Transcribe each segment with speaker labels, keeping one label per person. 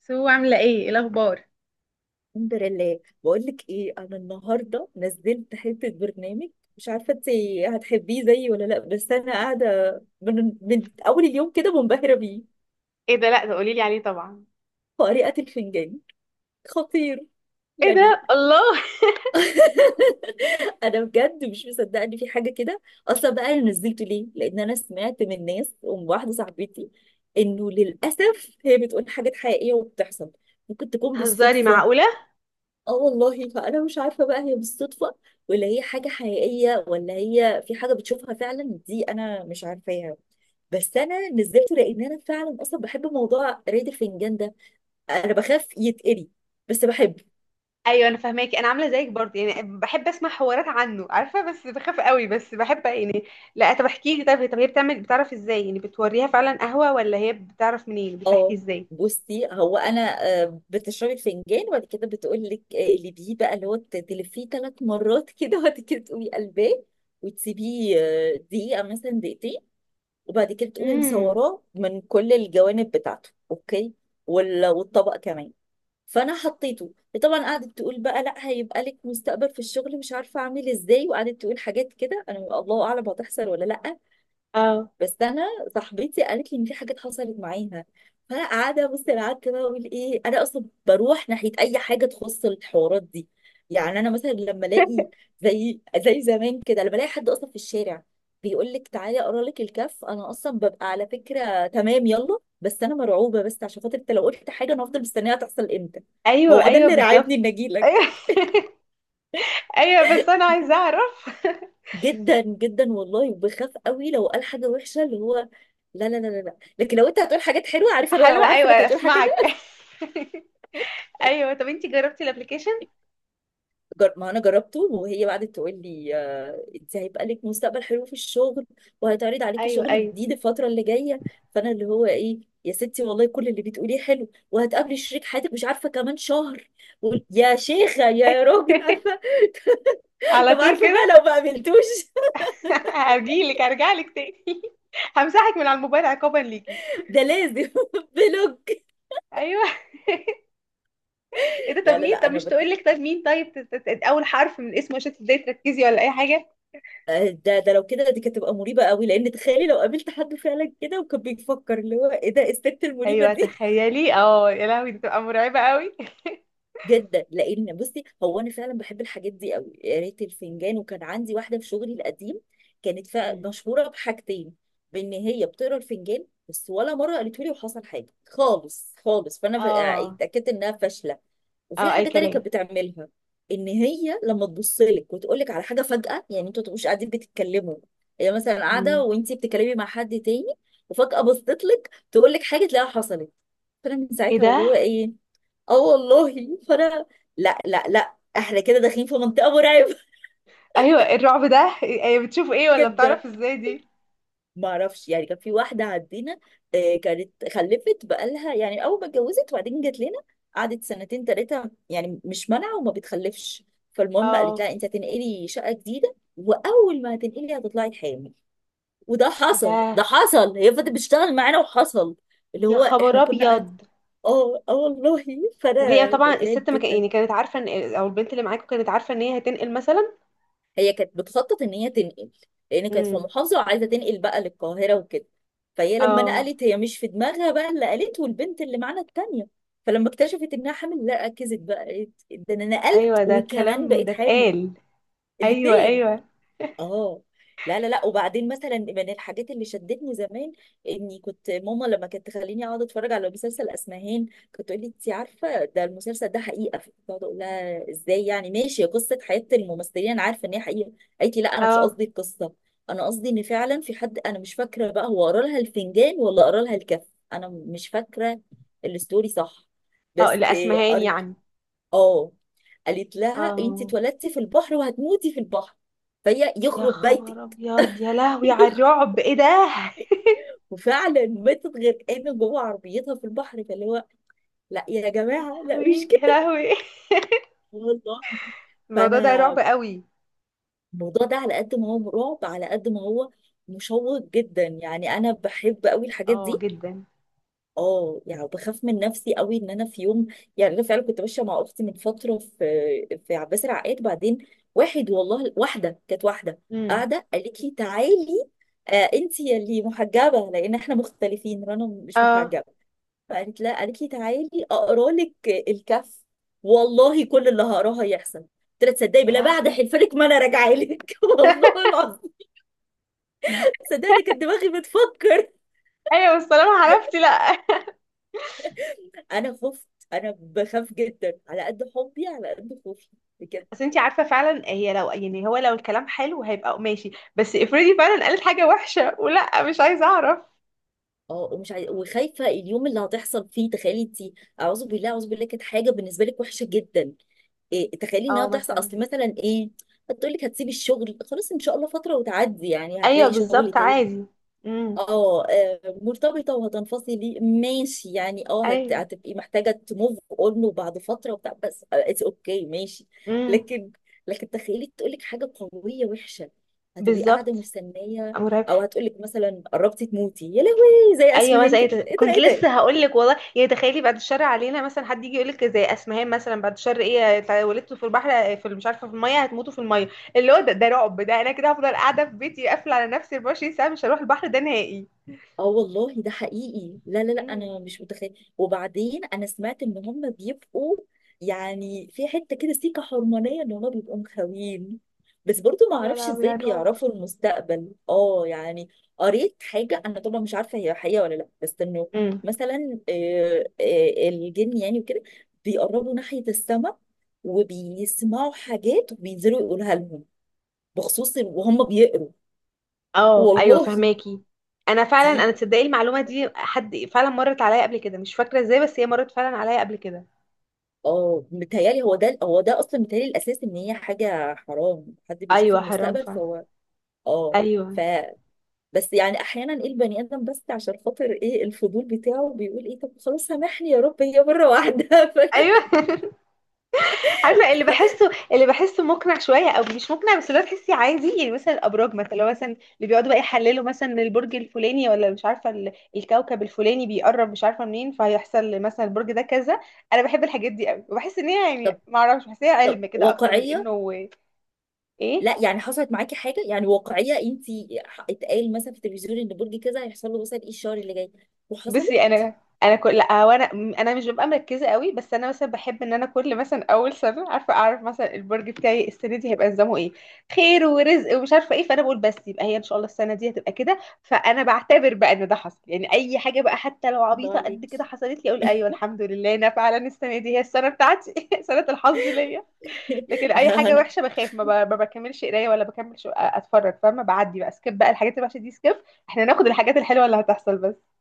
Speaker 1: سو عاملة ايه الأخبار؟
Speaker 2: الحمد لله، بقول لك ايه، انا النهارده نزلت حته برنامج. مش عارفه انت هتحبيه زيي ولا لا، بس انا قاعده من اول اليوم كده منبهره بيه.
Speaker 1: ايه ده، لا ده قولي لي عليه طبعا.
Speaker 2: قارئة الفنجان. خطير
Speaker 1: ايه
Speaker 2: يعني.
Speaker 1: ده، الله.
Speaker 2: انا بجد مش مصدقه ان في حاجه كده. اصلا بقى انا نزلته ليه؟ لان انا سمعت من ناس ومن واحده صاحبتي انه للاسف هي بتقول حاجات حقيقيه وبتحصل. ممكن تكون
Speaker 1: بتهزري؟
Speaker 2: بالصدفه.
Speaker 1: معقوله؟
Speaker 2: اه والله، فانا مش عارفه بقى هي بالصدفه ولا هي حاجه حقيقيه، ولا هي في حاجه بتشوفها فعلا، دي انا مش عارفاها. بس انا نزلته لان انا فعلا اصلا بحب موضوع ريد الفنجان ده. انا بخاف يتقري، بس بحب.
Speaker 1: ايوه انا فاهماكي، انا عامله زيك برضه، يعني بحب اسمع حوارات عنه، عارفه، بس بخاف قوي، بس بحب يعني. لا طب احكي لي، طب هي بتعمل، بتعرف ازاي يعني؟ بتوريها فعلا قهوه ولا هي بتعرف منين؟ يعني بتحكي
Speaker 2: اه،
Speaker 1: ازاي؟
Speaker 2: بصي هو انا بتشربي الفنجان، وبعد كده بتقول لك اللي بيه بقى، اللي هو تلفيه 3 مرات كده، وبعد كده تقومي قلباه وتسيبيه دقيقه مثلا، دقيقتين، وبعد كده تقومي
Speaker 1: امم.
Speaker 2: مصوراه من كل الجوانب بتاعته. اوكي، والطبق كمان. فانا حطيته، طبعا قعدت تقول بقى لا هيبقى لك مستقبل في الشغل، مش عارفه اعمل ازاي، وقعدت تقول حاجات كده انا الله اعلم هتحصل ولا لا.
Speaker 1: اه.
Speaker 2: بس انا صاحبتي قالت لي ان في حاجات حصلت معاها. فانا قاعده بص، انا قعدت بقى اقول ايه، انا اصلا بروح ناحيه اي حاجه تخص الحوارات دي. يعني انا مثلا لما الاقي زي زمان كده، لما الاقي حد اصلا في الشارع بيقول لك تعالي اقرا لك الكف، انا اصلا ببقى على فكره تمام يلا، بس انا مرعوبه. بس عشان خاطر انت لو قلت حاجه، انا هفضل مستنيها تحصل امتى.
Speaker 1: ايوه
Speaker 2: هو ده
Speaker 1: ايوه
Speaker 2: اللي راعبني
Speaker 1: بالظبط.
Speaker 2: ان اجي لك.
Speaker 1: ايوه. ايوه بس انا عايزه اعرف.
Speaker 2: جدا جدا والله، وبخاف قوي لو قال حاجه وحشه، اللي هو لا لا لا لا لا. لكن لو انت هتقول حاجات حلوه، عارفه انا لو
Speaker 1: حلوه،
Speaker 2: عارفه
Speaker 1: ايوه
Speaker 2: انك هتقول حاجه
Speaker 1: اسمعك.
Speaker 2: كده.
Speaker 1: ايوه، طب انتي جربتي الابلكيشن؟
Speaker 2: ما انا جربته، وهي بعدت تقول لي انت هيبقى لك مستقبل حلو في الشغل، وهيتعرض عليكي
Speaker 1: ايوه
Speaker 2: شغل
Speaker 1: ايوه.
Speaker 2: جديد الفتره اللي جايه. فانا اللي هو ايه، يا ستي والله كل اللي بتقوليه حلو، وهتقابلي شريك حياتك مش عارفه كمان شهر، يا شيخه يا راجل عارفه.
Speaker 1: على
Speaker 2: طب
Speaker 1: طول
Speaker 2: عارفه بقى
Speaker 1: كده.
Speaker 2: لو ما قابلتوش؟
Speaker 1: هرجع لك تاني. همسحك من على الموبايل عقابا ليكي.
Speaker 2: ده لازم بلوك.
Speaker 1: ايوه. ايه ده، طب
Speaker 2: لا لا
Speaker 1: مين
Speaker 2: لا،
Speaker 1: طب
Speaker 2: انا
Speaker 1: مش تقول لك طب مين طيب اول حرف من اسمه عشان تبداي تركزي ولا اي حاجه؟
Speaker 2: ده لو كده دي كانت تبقى مريبة قوي، لان تخيلي لو قابلت حد فعلا كده وكان بيفكر اللي هو ايه ده، إيه الست المريبة
Speaker 1: ايوه
Speaker 2: دي؟
Speaker 1: تخيلي، اه يا لهوي، دي بتبقى مرعبه قوي.
Speaker 2: جدا. لان بصي، هو انا فعلا بحب الحاجات دي قوي. قريت الفنجان، وكان عندي واحدة في شغلي القديم، كانت
Speaker 1: مم.
Speaker 2: مشهورة بحاجتين. بان هي بتقرا الفنجان بس، ولا مرة قالت لي وحصل حاجة خالص خالص. فانا يعني
Speaker 1: اه
Speaker 2: اتاكدت انها فاشلة. وفي
Speaker 1: اه، اي
Speaker 2: حاجه تانية كانت
Speaker 1: كلام.
Speaker 2: بتعملها، ان هي لما تبص لك وتقول لك على حاجه فجاه، يعني انتوا ما تبقوش قاعدين بتتكلموا، هي مثلا قاعده
Speaker 1: مم.
Speaker 2: وانتي بتتكلمي مع حد تاني، وفجاه بصت لك تقول لك حاجه، تلاقيها حصلت. فانا من
Speaker 1: ايه
Speaker 2: ساعتها واللي
Speaker 1: ده.
Speaker 2: هو ايه. اه والله، فانا لا لا لا، احنا كده داخلين في منطقه مرعبه.
Speaker 1: ايوه، الرعب ده إيه؟ بتشوف ايه ولا
Speaker 2: جدا.
Speaker 1: بتعرف ازاي دي؟
Speaker 2: ما اعرفش، يعني كان في واحده عندنا كانت خلفت، بقالها يعني اول ما اتجوزت وبعدين جت لنا، قعدت سنتين ثلاثه يعني، مش مانعه وما بتخلفش. فالمهم قالت
Speaker 1: اه،
Speaker 2: لها انت هتنقلي شقه جديده، واول ما هتنقلي هتطلعي حامل. وده
Speaker 1: ايه
Speaker 2: حصل،
Speaker 1: ده،
Speaker 2: ده حصل. هي فضلت بتشتغل معانا وحصل. اللي
Speaker 1: يا
Speaker 2: هو
Speaker 1: خبر
Speaker 2: احنا كنا.
Speaker 1: ابيض.
Speaker 2: اه اه والله،
Speaker 1: وهي
Speaker 2: فانا
Speaker 1: طبعا
Speaker 2: بترعب
Speaker 1: الست، ما كان
Speaker 2: جدا.
Speaker 1: يعني، كانت عارفه ان، او البنت اللي معاكم كانت عارفه ان هي هتنقل مثلا؟
Speaker 2: هي كانت بتخطط ان هي تنقل، لان كانت في
Speaker 1: امم.
Speaker 2: محافظه وعايزه تنقل بقى للقاهره وكده. فهي لما
Speaker 1: اه
Speaker 2: نقلت، هي مش في دماغها بقى اللي قالته، والبنت اللي معانا التانيه. فلما اكتشفت انها حامل لا، ركزت بقى، قالت ده انا نقلت
Speaker 1: ايوه، ده
Speaker 2: وكمان
Speaker 1: الكلام
Speaker 2: بقيت
Speaker 1: ده
Speaker 2: حامل.
Speaker 1: اتقال؟ ايوه
Speaker 2: الاتنين.
Speaker 1: ايوه.
Speaker 2: اه. لا لا لا، وبعدين مثلا من الحاجات اللي شدتني زمان، اني كنت ماما لما كانت تخليني اقعد اتفرج على مسلسل اسمهان، كنت تقول لي انت عارفه ده المسلسل ده حقيقه، كنت اقعد اقول لها ازاي يعني؟ ماشي قصه حياه الممثلين انا عارفه ان هي حقيقه. قالت لي لا، انا مش
Speaker 1: اه
Speaker 2: قصدي القصه، انا قصدي ان فعلا في حد، انا مش فاكره بقى هو قرا لها الفنجان ولا قرا لها الكف، انا مش فاكره. الستوري صح
Speaker 1: اه،
Speaker 2: بس.
Speaker 1: لاسمهان
Speaker 2: قريت
Speaker 1: يعني.
Speaker 2: اه، قالت لها انت
Speaker 1: اه،
Speaker 2: اتولدتي في البحر وهتموتي في البحر. فهي
Speaker 1: يا
Speaker 2: يخرب
Speaker 1: خبر
Speaker 2: بيتك
Speaker 1: ابيض، يا لهوي على الرعب، ايه ده.
Speaker 2: وفعلا ماتت غرقانه جوه عربيتها في البحر. فاللي هو لا يا
Speaker 1: يا
Speaker 2: جماعه، لا مش
Speaker 1: لهوي يا
Speaker 2: كده.
Speaker 1: لهوي.
Speaker 2: والله.
Speaker 1: الموضوع ده
Speaker 2: فانا
Speaker 1: رعب قوي.
Speaker 2: الموضوع ده على قد ما هو رعب، على قد ما هو مشوق جدا. يعني انا بحب قوي الحاجات
Speaker 1: اه
Speaker 2: دي.
Speaker 1: جدا.
Speaker 2: اه يعني، بخاف من نفسي قوي ان انا في يوم. يعني انا فعلا كنت ماشيه مع اختي من فتره في عباس العقاد، بعدين واحد والله، واحده كانت، واحده
Speaker 1: امم.
Speaker 2: قاعده قالت لي تعالي، آه انت يا اللي محجبه، لان احنا مختلفين، رنا مش
Speaker 1: اه.
Speaker 2: محجبه. فقالت لا، قالت لي تعالي اقرا لك الكف، والله كل اللي هقراه هيحصل. قلت لها تصدقي
Speaker 1: يا
Speaker 2: بالله، بعد
Speaker 1: لهوي.
Speaker 2: حلفلك، ما انا راجعه لك والله العظيم. صدقني، أنا كانت دماغي بتفكر.
Speaker 1: ايوه بس طالما عرفتي، لا.
Speaker 2: انا خفت، انا بخاف جدا على قد حبي، على قد خوفي، بجد.
Speaker 1: بس انت عارفه فعلا هي لو يعني هو لو الكلام حلو هيبقى ماشي، بس افرضي فعلا قالت حاجه وحشه، ولا مش عايزه اعرف.
Speaker 2: اه، ومش عايزه، وخايفه اليوم اللي هتحصل فيه، تخيلي انت. اعوذ بالله اعوذ بالله. كانت حاجه بالنسبه لك وحشه جدا. إيه؟ تخيلي انها
Speaker 1: اه
Speaker 2: تحصل.
Speaker 1: مثلا.
Speaker 2: اصل مثلا ايه، هتقول لك هتسيبي الشغل، خلاص ان شاء الله فتره وتعدي يعني،
Speaker 1: ايوه
Speaker 2: هتلاقي شغل
Speaker 1: بالظبط،
Speaker 2: تاني.
Speaker 1: عادي. امم.
Speaker 2: اه مرتبطة وهتنفصلي ماشي، يعني اه،
Speaker 1: ايوه.
Speaker 2: هتبقي محتاجة تموف اون وبعد فترة وبتاع، بس اتس اوكي ماشي.
Speaker 1: امم.
Speaker 2: لكن، لكن تخيلي تقولك حاجة قوية وحشة، هتبقي قاعدة
Speaker 1: بالظبط.
Speaker 2: مستنية.
Speaker 1: مرعب.
Speaker 2: او هتقولك مثلا قربتي تموتي يا لهوي زي
Speaker 1: ايوه
Speaker 2: اسمهان
Speaker 1: مثلا. أي
Speaker 2: كده، ايه ده
Speaker 1: كنت
Speaker 2: ايه
Speaker 1: لسه
Speaker 2: ده.
Speaker 1: هقول لك والله. يعني تخيلي بعد الشر علينا، مثلا حد يجي يقول لك زي اسمهان، مثلا بعد الشر ايه، ولدتوا في البحر، في مش عارفه، في الميه هتموتوا، في الميه. اللي هو ده رعب، ده انا كده هفضل قاعده في بيتي، قافله على نفسي 24 ساعه، مش هروح البحر ده نهائي.
Speaker 2: اه والله ده حقيقي. لا لا لا،
Speaker 1: امم.
Speaker 2: انا مش متخيل. وبعدين انا سمعت ان هم بيبقوا، يعني في حته كده سيكه حرمانيه، ان هم بيبقوا مخاوين. بس برضو ما
Speaker 1: يا
Speaker 2: اعرفش
Speaker 1: لهوي،
Speaker 2: ازاي
Speaker 1: يا رعب.
Speaker 2: بيعرفوا المستقبل، اه يعني. قريت حاجه، انا طبعا مش عارفه هي حقيقه ولا لا، بس انه
Speaker 1: امم.
Speaker 2: مثلا الجن يعني وكده، بيقربوا ناحيه السماء وبيسمعوا حاجات، وبينزلوا يقولها لهم بخصوص، وهم بيقروا.
Speaker 1: اه ايوه
Speaker 2: والله.
Speaker 1: فهماكي. انا
Speaker 2: دي
Speaker 1: فعلا انا تصدقي المعلومه دي حد فعلا مرت عليا قبل كده، مش فاكره ازاي، بس هي مرت فعلا عليا قبل كده.
Speaker 2: اه، متهيألي هو ده، هو ده اصلا. متهيألي الاساس ان هي حاجه حرام، حد بيشوف
Speaker 1: ايوه حرام
Speaker 2: المستقبل،
Speaker 1: فعلا.
Speaker 2: فهو اه.
Speaker 1: ايوه
Speaker 2: ف، بس يعني احيانا ايه، البني ادم بس عشان خاطر ايه الفضول بتاعه بيقول ايه، طب خلاص سامحني يا رب هي مره واحده.
Speaker 1: ايوه. عارفه، اللي
Speaker 2: ف...
Speaker 1: بحسه اللي بحسه مقنع شويه او مش مقنع، بس اللي هو تحسي عادي يعني. مثلا الابراج، مثلا لو مثلا اللي بيقعدوا بقى يحللوا مثلا إن البرج الفلاني، ولا مش عارفه الكوكب الفلاني بيقرب، مش عارفه منين، فهيحصل مثلا البرج ده كذا. انا بحب الحاجات دي قوي، وبحس ان هي يعني،
Speaker 2: طب
Speaker 1: ما اعرفش، بحس إن هي
Speaker 2: طب
Speaker 1: علم كده اكتر من
Speaker 2: واقعيه؟
Speaker 1: انه، ايه.
Speaker 2: لا يعني حصلت معاكي حاجه يعني واقعيه، انت اتقال مثلا في التلفزيون ان برج كذا هيحصل له مثلا ايه الشهر اللي جاي، وحصلت.
Speaker 1: بصي انا كل، لا هو انا مش ببقى مركزه قوي، بس انا مثلا بحب ان انا كل مثلا اول سنه عارفه اعرف مثلا البرج بتاعي السنه دي هيبقى نظامه ايه، خير ورزق ومش عارفه ايه، فانا بقول بس يبقى هي ان شاء الله السنه دي هتبقى كده، فانا بعتبر بقى ان ده حصل، يعني اي حاجه بقى حتى لو
Speaker 2: الله
Speaker 1: عبيطه قد كده
Speaker 2: عليكي.
Speaker 1: حصلت لي، اقول ايوه الحمد لله، انا فعلا السنه دي هي السنه بتاعتي. سنه الحظ ليا. لكن اي حاجه
Speaker 2: لا.
Speaker 1: وحشه بخاف، ما بكملش قرايه، ولا بكملش اتفرج، فاهمه؟ بعدي بقى سكيب، بقى الحاجات الوحشه دي سكيب، احنا ناخد الحاجات الحلوه اللي هتحصل بس.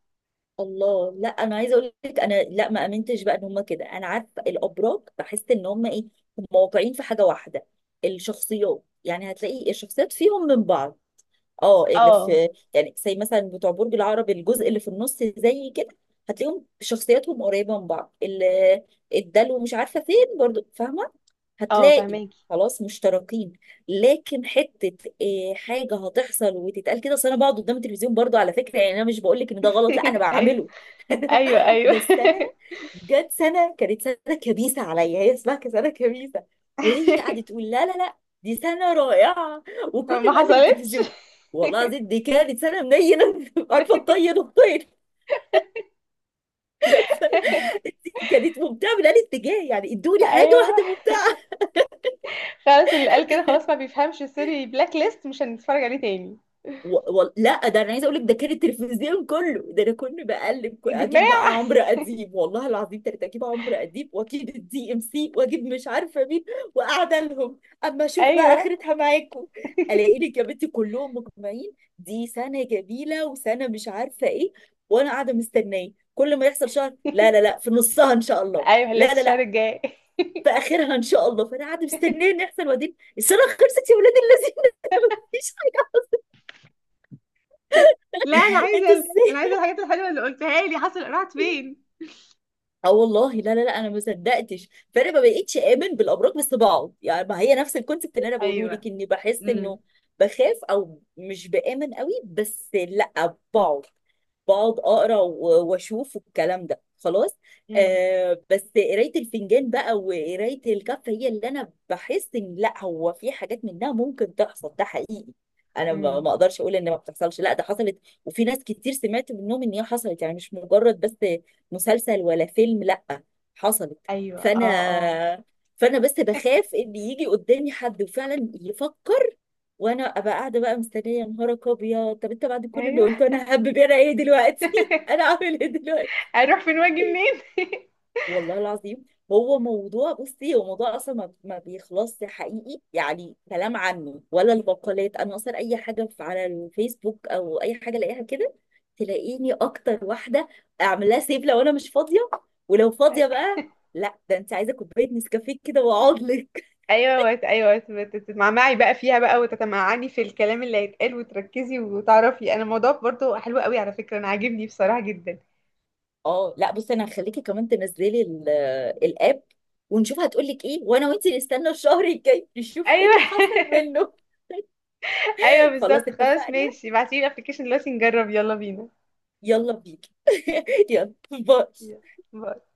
Speaker 2: الله، لا انا عايزه اقول لك، انا لا ما امنتش بقى ان هم كده. انا عارفه الابراج، بحس ان هم ايه، هم واقعين في حاجه واحده. الشخصيات، يعني هتلاقي الشخصيات فيهم من بعض. اه، اللي
Speaker 1: اه
Speaker 2: في، يعني زي مثلا بتوع برج العقرب، الجزء اللي في النص زي كده، هتلاقيهم شخصياتهم قريبه من بعض، اللي الدلو مش عارفه فين برضو، فاهمه.
Speaker 1: اه
Speaker 2: هتلاقي
Speaker 1: فهماكي.
Speaker 2: خلاص مشتركين. لكن حته، إيه حاجه هتحصل وتتقال كده، اصل انا بقعد قدام التلفزيون برضو على فكره. يعني انا مش بقول لك ان ده غلط، لا انا
Speaker 1: ايوه
Speaker 2: بعمله.
Speaker 1: ايوه ايوه.
Speaker 2: بس انا جت سنه، كانت سنه كبيسه عليا، هي اسمها سنه كبيسه، وهي قعدت تقول لا لا لا، دي سنه رائعه.
Speaker 1: ما
Speaker 2: وكل ما اقلب
Speaker 1: حصلتش.
Speaker 2: التلفزيون، والله العظيم دي كانت سنه منينه. عارفه تطير الطير. كانت ممتعه من الاتجاه، يعني ادوني حاجه
Speaker 1: ايوه،
Speaker 2: واحده ممتعه.
Speaker 1: خلاص اللي قال كده خلاص ما بيفهمش، سوري، بلاك ليست، مش هنتفرج عليه تاني.
Speaker 2: لا ده انا عايزه اقول لك، ده كان التلفزيون كله. ده انا كنت بقلب،
Speaker 1: يا
Speaker 2: اجيب بقى
Speaker 1: جماعه.
Speaker 2: عمرو اديب، والله العظيم كنت اجيب عمرو اديب، واجيب الدي ام سي، واجيب مش عارفه مين، وقاعده لهم اما اشوف بقى
Speaker 1: ايوه.
Speaker 2: اخرتها معاكم. الاقي لك يا بنتي كلهم مجمعين، دي سنه جميله، وسنه مش عارفه ايه، وانا قاعده مستنيه كل ما يحصل شهر، لا لا لا في نصها ان شاء الله،
Speaker 1: ايوه،
Speaker 2: لا
Speaker 1: لسه
Speaker 2: لا
Speaker 1: الشهر
Speaker 2: لا
Speaker 1: الجاي.
Speaker 2: في اخرها ان شاء الله. فانا قاعده مستنيه ان يحصل، وبعدين السنه خلصت يا ولاد اللذين مفيش حاجه.
Speaker 1: لا انا عايزه
Speaker 2: انتوا ازاي؟
Speaker 1: الحاجات الحلوه اللي قلتها لي حصل، راحت فين؟
Speaker 2: اه والله. لا لا لا، انا ما صدقتش. فانا ما بقتش امن بالامراض، بس بقعد. يعني ما هي نفس الكونسيبت اللي انا بقوله
Speaker 1: ايوه.
Speaker 2: لك، اني بحس
Speaker 1: امم.
Speaker 2: انه بخاف او مش بامن قوي، بس لا بقعد، بقعد اقرا واشوف الكلام ده. خلاص.
Speaker 1: امم.
Speaker 2: آه، بس قرايه الفنجان بقى، وقرايه الكف، هي اللي انا بحس ان لا هو في حاجات منها ممكن تحصل. ده حقيقي، انا ما
Speaker 1: امم.
Speaker 2: ما اقدرش اقول ان ما بتحصلش، لا ده حصلت. وفي ناس كتير سمعت منهم ان هي حصلت، يعني مش مجرد بس مسلسل ولا فيلم، لأ، حصلت.
Speaker 1: ايوه.
Speaker 2: فأنا،
Speaker 1: اه اه.
Speaker 2: فأنا بس بخاف إن يجي قدامي حد وفعلا يفكر، وانا ابقى قاعده بقى مستنيه يا نهارك ابيض، طب انت بعد كل اللي
Speaker 1: ايوه.
Speaker 2: قلته، انا هبب، انا ايه دلوقتي؟ انا اعمل ايه دلوقتي؟
Speaker 1: هنروح فين واجي منين؟
Speaker 2: والله العظيم. هو موضوع، بصي هو موضوع اصلا ما بيخلصش حقيقي. يعني كلام عنه ولا البقالات، انا اصلا اي حاجه على الفيسبوك او اي حاجه الاقيها كده، تلاقيني اكتر واحده اعمل لها سيف لو انا مش فاضيه. ولو فاضيه بقى، لا ده انت عايزه كوبايه نسكافيه كده واقعد لك.
Speaker 1: ايوه، ايوه، تتمعمعي بقى فيها بقى، وتتمعني في الكلام اللي هيتقال، وتركزي وتعرفي. انا الموضوع برضو حلو قوي على فكره، انا عاجبني بصراحه جدا.
Speaker 2: اه، لا بصي انا هخليكي كمان تنزلي الاب، ونشوف هتقول لك ايه، وانا وانت نستنى الشهر الجاي نشوف ايه
Speaker 1: ايوه.
Speaker 2: اللي حصل منه.
Speaker 1: ايوه
Speaker 2: خلاص
Speaker 1: بالظبط، خلاص
Speaker 2: اتفقنا.
Speaker 1: ماشي، ابعتيلي الابلكيشن دلوقتي نجرب، يلا بينا.
Speaker 2: يلا بيك. يلا باي.
Speaker 1: يلا. باي.